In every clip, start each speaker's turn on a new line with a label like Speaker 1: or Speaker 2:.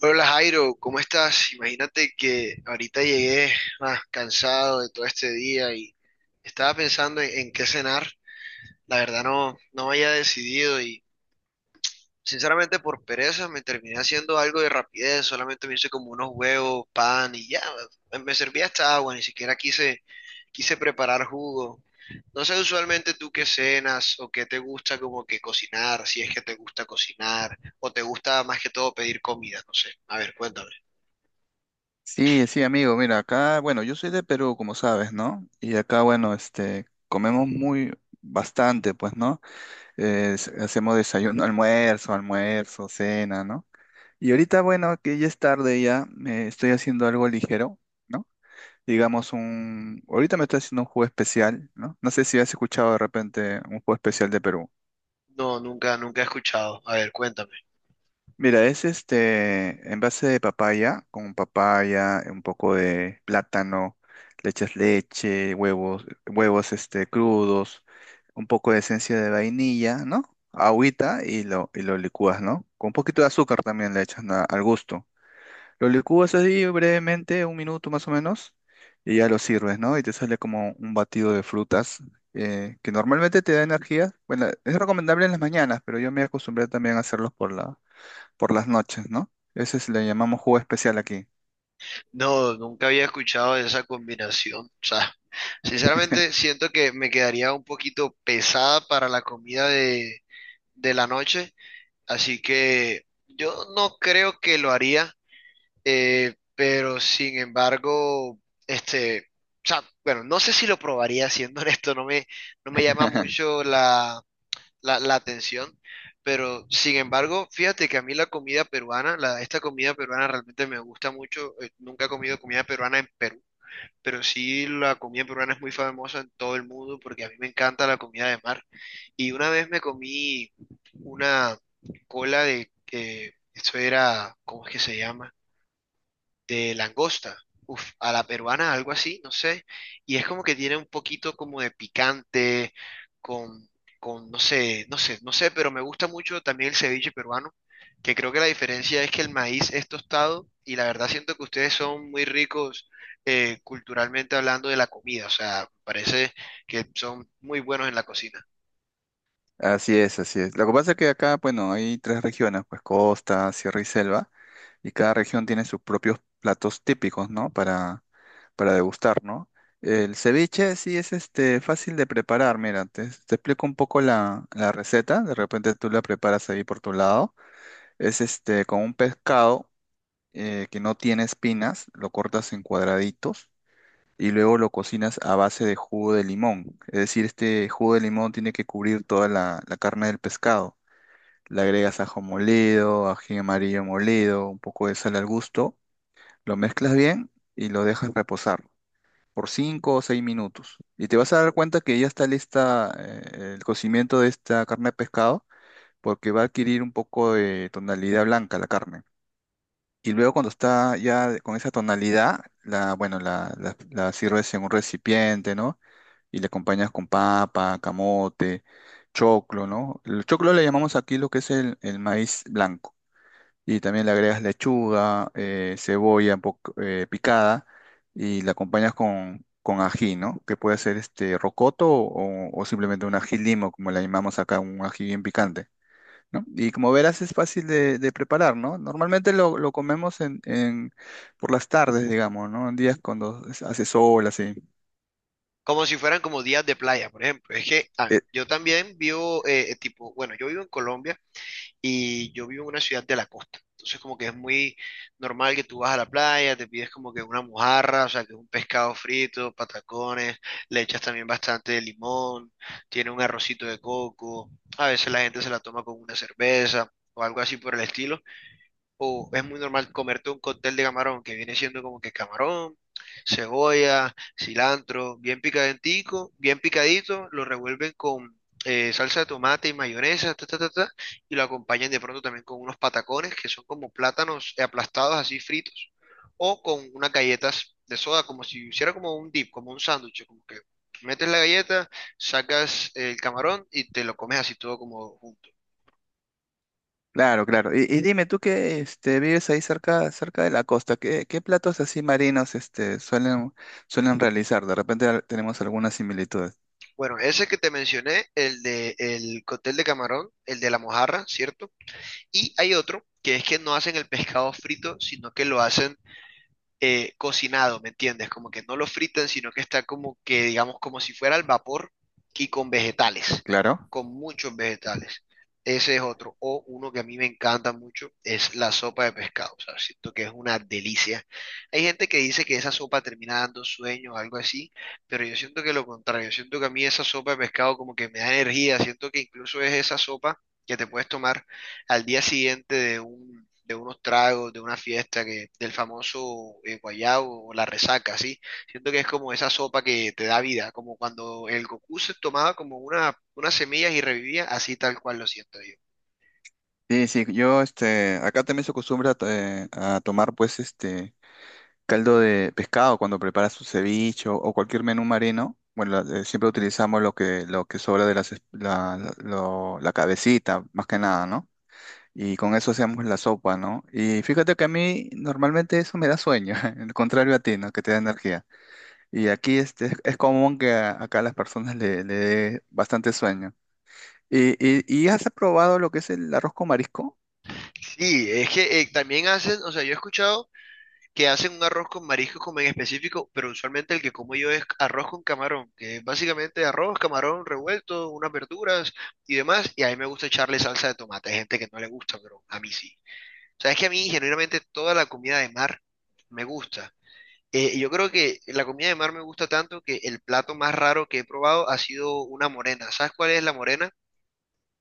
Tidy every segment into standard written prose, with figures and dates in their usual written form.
Speaker 1: Hola Jairo, ¿cómo estás? Imagínate que ahorita llegué cansado de todo este día y estaba pensando en qué cenar. La verdad no había decidido y sinceramente por pereza me terminé haciendo algo de rapidez, solamente me hice como unos huevos, pan y ya, me servía hasta agua, ni siquiera quise preparar jugo. No sé, usualmente tú qué cenas o qué te gusta como que cocinar, si es que te gusta cocinar o te gusta más que todo pedir comida, no sé. A ver, cuéntame.
Speaker 2: Sí, sí, amigo, mira, acá, bueno, yo soy de Perú, como sabes, ¿no? Y acá, bueno, comemos muy bastante, pues, ¿no? Hacemos desayuno, almuerzo, cena, ¿no? Y ahorita, bueno, que ya es tarde ya, me estoy haciendo algo ligero, ¿no? Ahorita me estoy haciendo un jugo especial, ¿no? No sé si has escuchado de repente un jugo especial de Perú.
Speaker 1: No, nunca he escuchado. A ver, cuéntame.
Speaker 2: Mira, es este envase de papaya, con papaya, un poco de plátano, le echas leche, huevos crudos, un poco de esencia de vainilla, ¿no? Agüita y lo licúas, ¿no? Con un poquito de azúcar también le echas al gusto. Lo licúas así brevemente, un minuto más o menos, y ya lo sirves, ¿no? Y te sale como un batido de frutas, que normalmente te da energía. Bueno, es recomendable en las mañanas, pero yo me acostumbré también a hacerlos por las noches, ¿no? Le llamamos jugo especial aquí.
Speaker 1: No, nunca había escuchado de esa combinación. O sea, sinceramente siento que me quedaría un poquito pesada para la comida de la noche, así que yo no creo que lo haría, pero sin embargo, este, o sea, bueno, no sé si lo probaría, siendo honesto, no me llama mucho la, la atención, pero sin embargo, fíjate que a mí la comida peruana, esta comida peruana realmente me gusta mucho. Nunca he comido comida peruana en Perú, pero sí, la comida peruana es muy famosa en todo el mundo porque a mí me encanta la comida de mar. Y una vez me comí una cola de, eso era, ¿cómo es que se llama? De langosta, uf, a la peruana, algo así, no sé, y es como que tiene un poquito como de picante, con, con, no sé, pero me gusta mucho también el ceviche peruano, que creo que la diferencia es que el maíz es tostado, y la verdad siento que ustedes son muy ricos culturalmente hablando de la comida, o sea, parece que son muy buenos en la cocina.
Speaker 2: Así es, así es. Lo que pasa es que acá, bueno, hay tres regiones, pues costa, sierra y selva, y cada región tiene sus propios platos típicos, ¿no? Para degustar, ¿no? El ceviche sí es fácil de preparar, mira, te explico un poco la receta, de repente tú la preparas ahí por tu lado. Es con un pescado que no tiene espinas, lo cortas en cuadraditos y luego lo cocinas a base de jugo de limón. Es decir, este jugo de limón tiene que cubrir toda la carne del pescado. Le agregas ajo molido, ají amarillo molido, un poco de sal al gusto, lo mezclas bien y lo dejas reposar por 5 o 6 minutos. Y te vas a dar cuenta que ya está lista el cocimiento de esta carne de pescado porque va a adquirir un poco de tonalidad blanca la carne. Y luego cuando está ya con esa tonalidad, la, bueno, la sirves en un recipiente, ¿no? Y le acompañas con papa, camote, choclo, ¿no? El choclo le llamamos aquí lo que es el maíz blanco. Y también le agregas lechuga, cebolla un poco, picada y la acompañas con ají, ¿no? Que puede ser este rocoto o simplemente un ají limo, como le llamamos acá, un ají bien picante, ¿no? Y como verás es fácil de preparar, ¿no? Normalmente lo comemos por las tardes, digamos, ¿no? En días cuando hace sol, así.
Speaker 1: Como si fueran como días de playa, por ejemplo. Es que ah,
Speaker 2: Eh,
Speaker 1: yo también vivo, tipo, bueno, yo vivo en Colombia, y yo vivo en una ciudad de la costa. Entonces como que es muy normal que tú vas a la playa, te pides como que una mojarra, o sea, que es un pescado frito, patacones, le echas también bastante de limón, tiene un arrocito de coco, a veces la gente se la toma con una cerveza o algo así por el estilo, o es muy normal comerte un cóctel de camarón, que viene siendo como que camarón, cebolla, cilantro, bien picadentico, bien picadito, lo revuelven con salsa de tomate y mayonesa, ta, ta, ta, ta, y lo acompañan de pronto también con unos patacones que son como plátanos aplastados así fritos, o con unas galletas de soda, como si hiciera como un dip, como un sándwich, como que metes la galleta, sacas el camarón y te lo comes así todo como junto.
Speaker 2: Claro, claro. Y dime, tú que vives ahí cerca, cerca de la costa, ¿qué, qué platos así marinos suelen, suelen realizar? Tenemos algunas similitudes.
Speaker 1: Bueno, ese que te mencioné, el de el cóctel de camarón, el de la mojarra, ¿cierto? Y hay otro que es que no hacen el pescado frito, sino que lo hacen cocinado, ¿me entiendes? Como que no lo fritan, sino que está como que, digamos, como si fuera al vapor y con vegetales,
Speaker 2: Claro.
Speaker 1: con muchos vegetales. Ese es otro. O uno que a mí me encanta mucho es la sopa de pescado. O sea, siento que es una delicia. Hay gente que dice que esa sopa termina dando sueño o algo así, pero yo siento que lo contrario. Yo siento que a mí esa sopa de pescado como que me da energía. Siento que incluso es esa sopa que te puedes tomar al día siguiente de un, de unos tragos, de una fiesta, que, del famoso guayabo o la resaca, ¿sí? Siento que es como esa sopa que te da vida, como cuando el Goku se tomaba como una, unas semillas y revivía, así tal cual lo siento yo.
Speaker 2: Sí, sí, yo acá también se acostumbra a tomar pues este caldo de pescado cuando preparas su ceviche o cualquier menú marino. Bueno, siempre utilizamos lo que sobra de las es- la lo- la cabecita, más que nada, ¿no? Y con eso hacíamos la sopa, ¿no? Y fíjate que a mí normalmente eso me da sueño, el contrario a ti, ¿no? Que te da energía. Y aquí es común que acá a las personas le dé bastante sueño. ¿ y has probado lo que es el arroz con marisco?
Speaker 1: Sí, es que también hacen, o sea, yo he escuchado que hacen un arroz con mariscos como en específico, pero usualmente el que como yo es arroz con camarón, que es básicamente arroz, camarón revuelto, unas verduras y demás, y a mí me gusta echarle salsa de tomate, hay gente que no le gusta, pero a mí sí. O sea, es que a mí genuinamente toda la comida de mar me gusta. Yo creo que la comida de mar me gusta tanto que el plato más raro que he probado ha sido una morena. ¿Sabes cuál es la morena?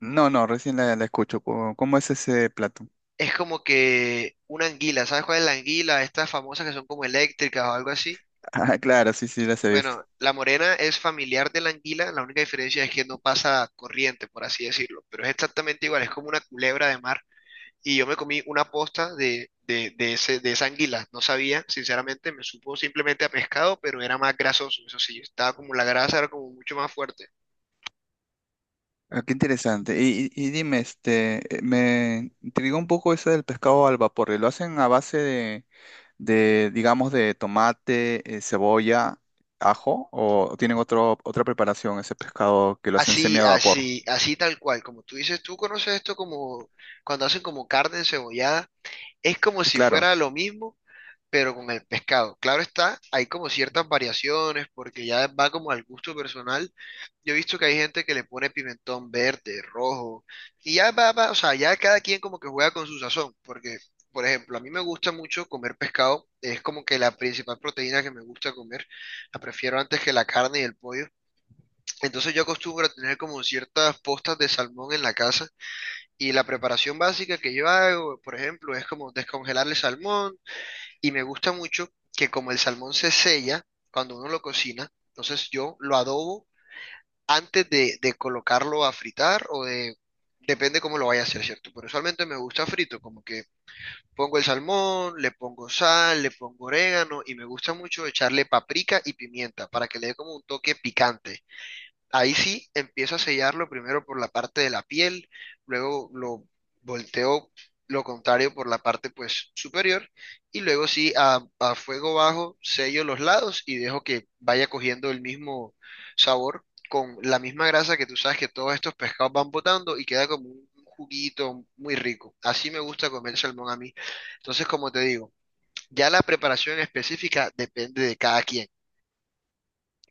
Speaker 2: No, no, recién la escucho. ¿Cómo, cómo es ese plato?
Speaker 1: Es como que una anguila. ¿Sabes cuál es la anguila? Estas famosas que son como eléctricas o algo así.
Speaker 2: Ah, claro, sí, sí, las he visto.
Speaker 1: Bueno, la morena es familiar de la anguila. La única diferencia es que no pasa corriente, por así decirlo. Pero es exactamente igual. Es como una culebra de mar, y yo me comí una posta de ese, de esa anguila. No sabía, sinceramente, me supo simplemente a pescado, pero era más grasoso. Eso sí, estaba como la grasa, era como mucho más fuerte.
Speaker 2: Ah, qué interesante. Y dime, me intrigó un poco eso del pescado al vapor. ¿Lo hacen a base de, digamos, de tomate, cebolla, ajo, o tienen otra preparación, ese pescado que lo hacen semi
Speaker 1: Así,
Speaker 2: a vapor?
Speaker 1: así tal cual. Como tú dices, tú conoces esto como cuando hacen como carne encebollada. Es como si
Speaker 2: Claro,
Speaker 1: fuera lo mismo, pero con el pescado. Claro está, hay como ciertas variaciones, porque ya va como al gusto personal. Yo he visto que hay gente que le pone pimentón verde, rojo, y ya va, o sea, ya cada quien como que juega con su sazón, porque, por ejemplo, a mí me gusta mucho comer pescado, es como que la principal proteína que me gusta comer, la prefiero antes que la carne y el pollo. Entonces yo acostumbro a tener como ciertas postas de salmón en la casa, y la preparación básica que yo hago, por ejemplo, es como descongelar el salmón, y me gusta mucho que como el salmón se sella cuando uno lo cocina, entonces yo lo adobo antes de colocarlo a fritar o de... Depende cómo lo vaya a hacer, ¿cierto? Pero usualmente me gusta frito, como que pongo el salmón, le pongo sal, le pongo orégano y me gusta mucho echarle paprika y pimienta para que le dé como un toque picante. Ahí sí empiezo a sellarlo primero por la parte de la piel, luego lo volteo lo contrario por la parte pues superior, y luego sí a fuego bajo sello los lados y dejo que vaya cogiendo el mismo sabor con la misma grasa que tú sabes que todos estos pescados van botando y queda como un juguito muy rico. Así me gusta comer salmón a mí. Entonces, como te digo, ya la preparación específica depende de cada quien.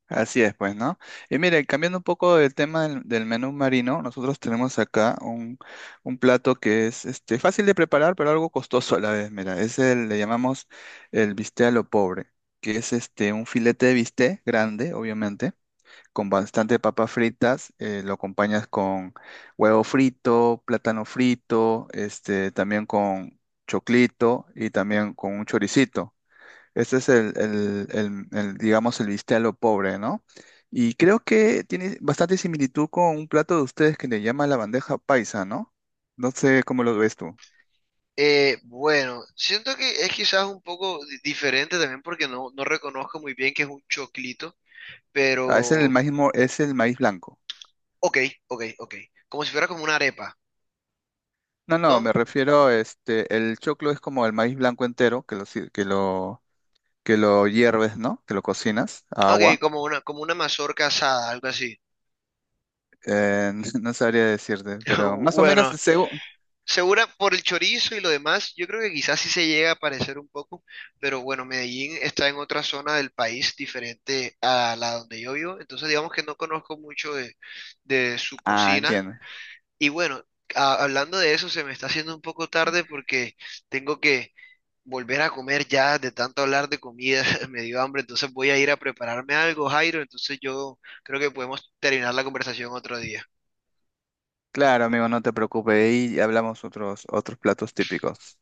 Speaker 2: así es, pues, ¿no? Y mire, cambiando un poco del tema del menú marino, nosotros tenemos acá un plato que es fácil de preparar, pero algo costoso a la vez, mira, es le llamamos el bistec a lo pobre, que es un filete de bistec grande, obviamente con bastante papas fritas, lo acompañas con huevo frito, plátano frito, también con choclito y también con un choricito. Este es el, digamos, el bistec a lo pobre, ¿no? Y creo que tiene bastante similitud con un plato de ustedes que le llama la bandeja paisa, ¿no? No sé cómo lo ves tú.
Speaker 1: Bueno, siento que es quizás un poco diferente también porque no reconozco muy bien que es un choclito,
Speaker 2: Ah, es el
Speaker 1: pero
Speaker 2: maíz, es el maíz blanco.
Speaker 1: ok, ok, ok. Como si fuera como una arepa,
Speaker 2: No, no, me
Speaker 1: ¿no?
Speaker 2: refiero, el choclo es como el maíz blanco entero, que lo hierves, ¿no? Que lo cocinas a
Speaker 1: Ok,
Speaker 2: agua.
Speaker 1: como una mazorca asada, algo así.
Speaker 2: Eh, no sabría decirte, pero más o menos
Speaker 1: Bueno,
Speaker 2: según...
Speaker 1: segura por el chorizo y lo demás, yo creo que quizás sí se llega a parecer un poco, pero bueno, Medellín está en otra zona del país diferente a la donde yo vivo, entonces digamos que no conozco mucho de su
Speaker 2: Ah,
Speaker 1: cocina.
Speaker 2: entiendo.
Speaker 1: Y bueno, hablando de eso, se me está haciendo un poco tarde porque tengo que volver a comer ya de tanto hablar de comida, me dio hambre, entonces voy a ir a prepararme algo, Jairo, entonces yo creo que podemos terminar la conversación otro día.
Speaker 2: Claro, amigo, no te preocupes. Y hablamos otros, otros platos típicos.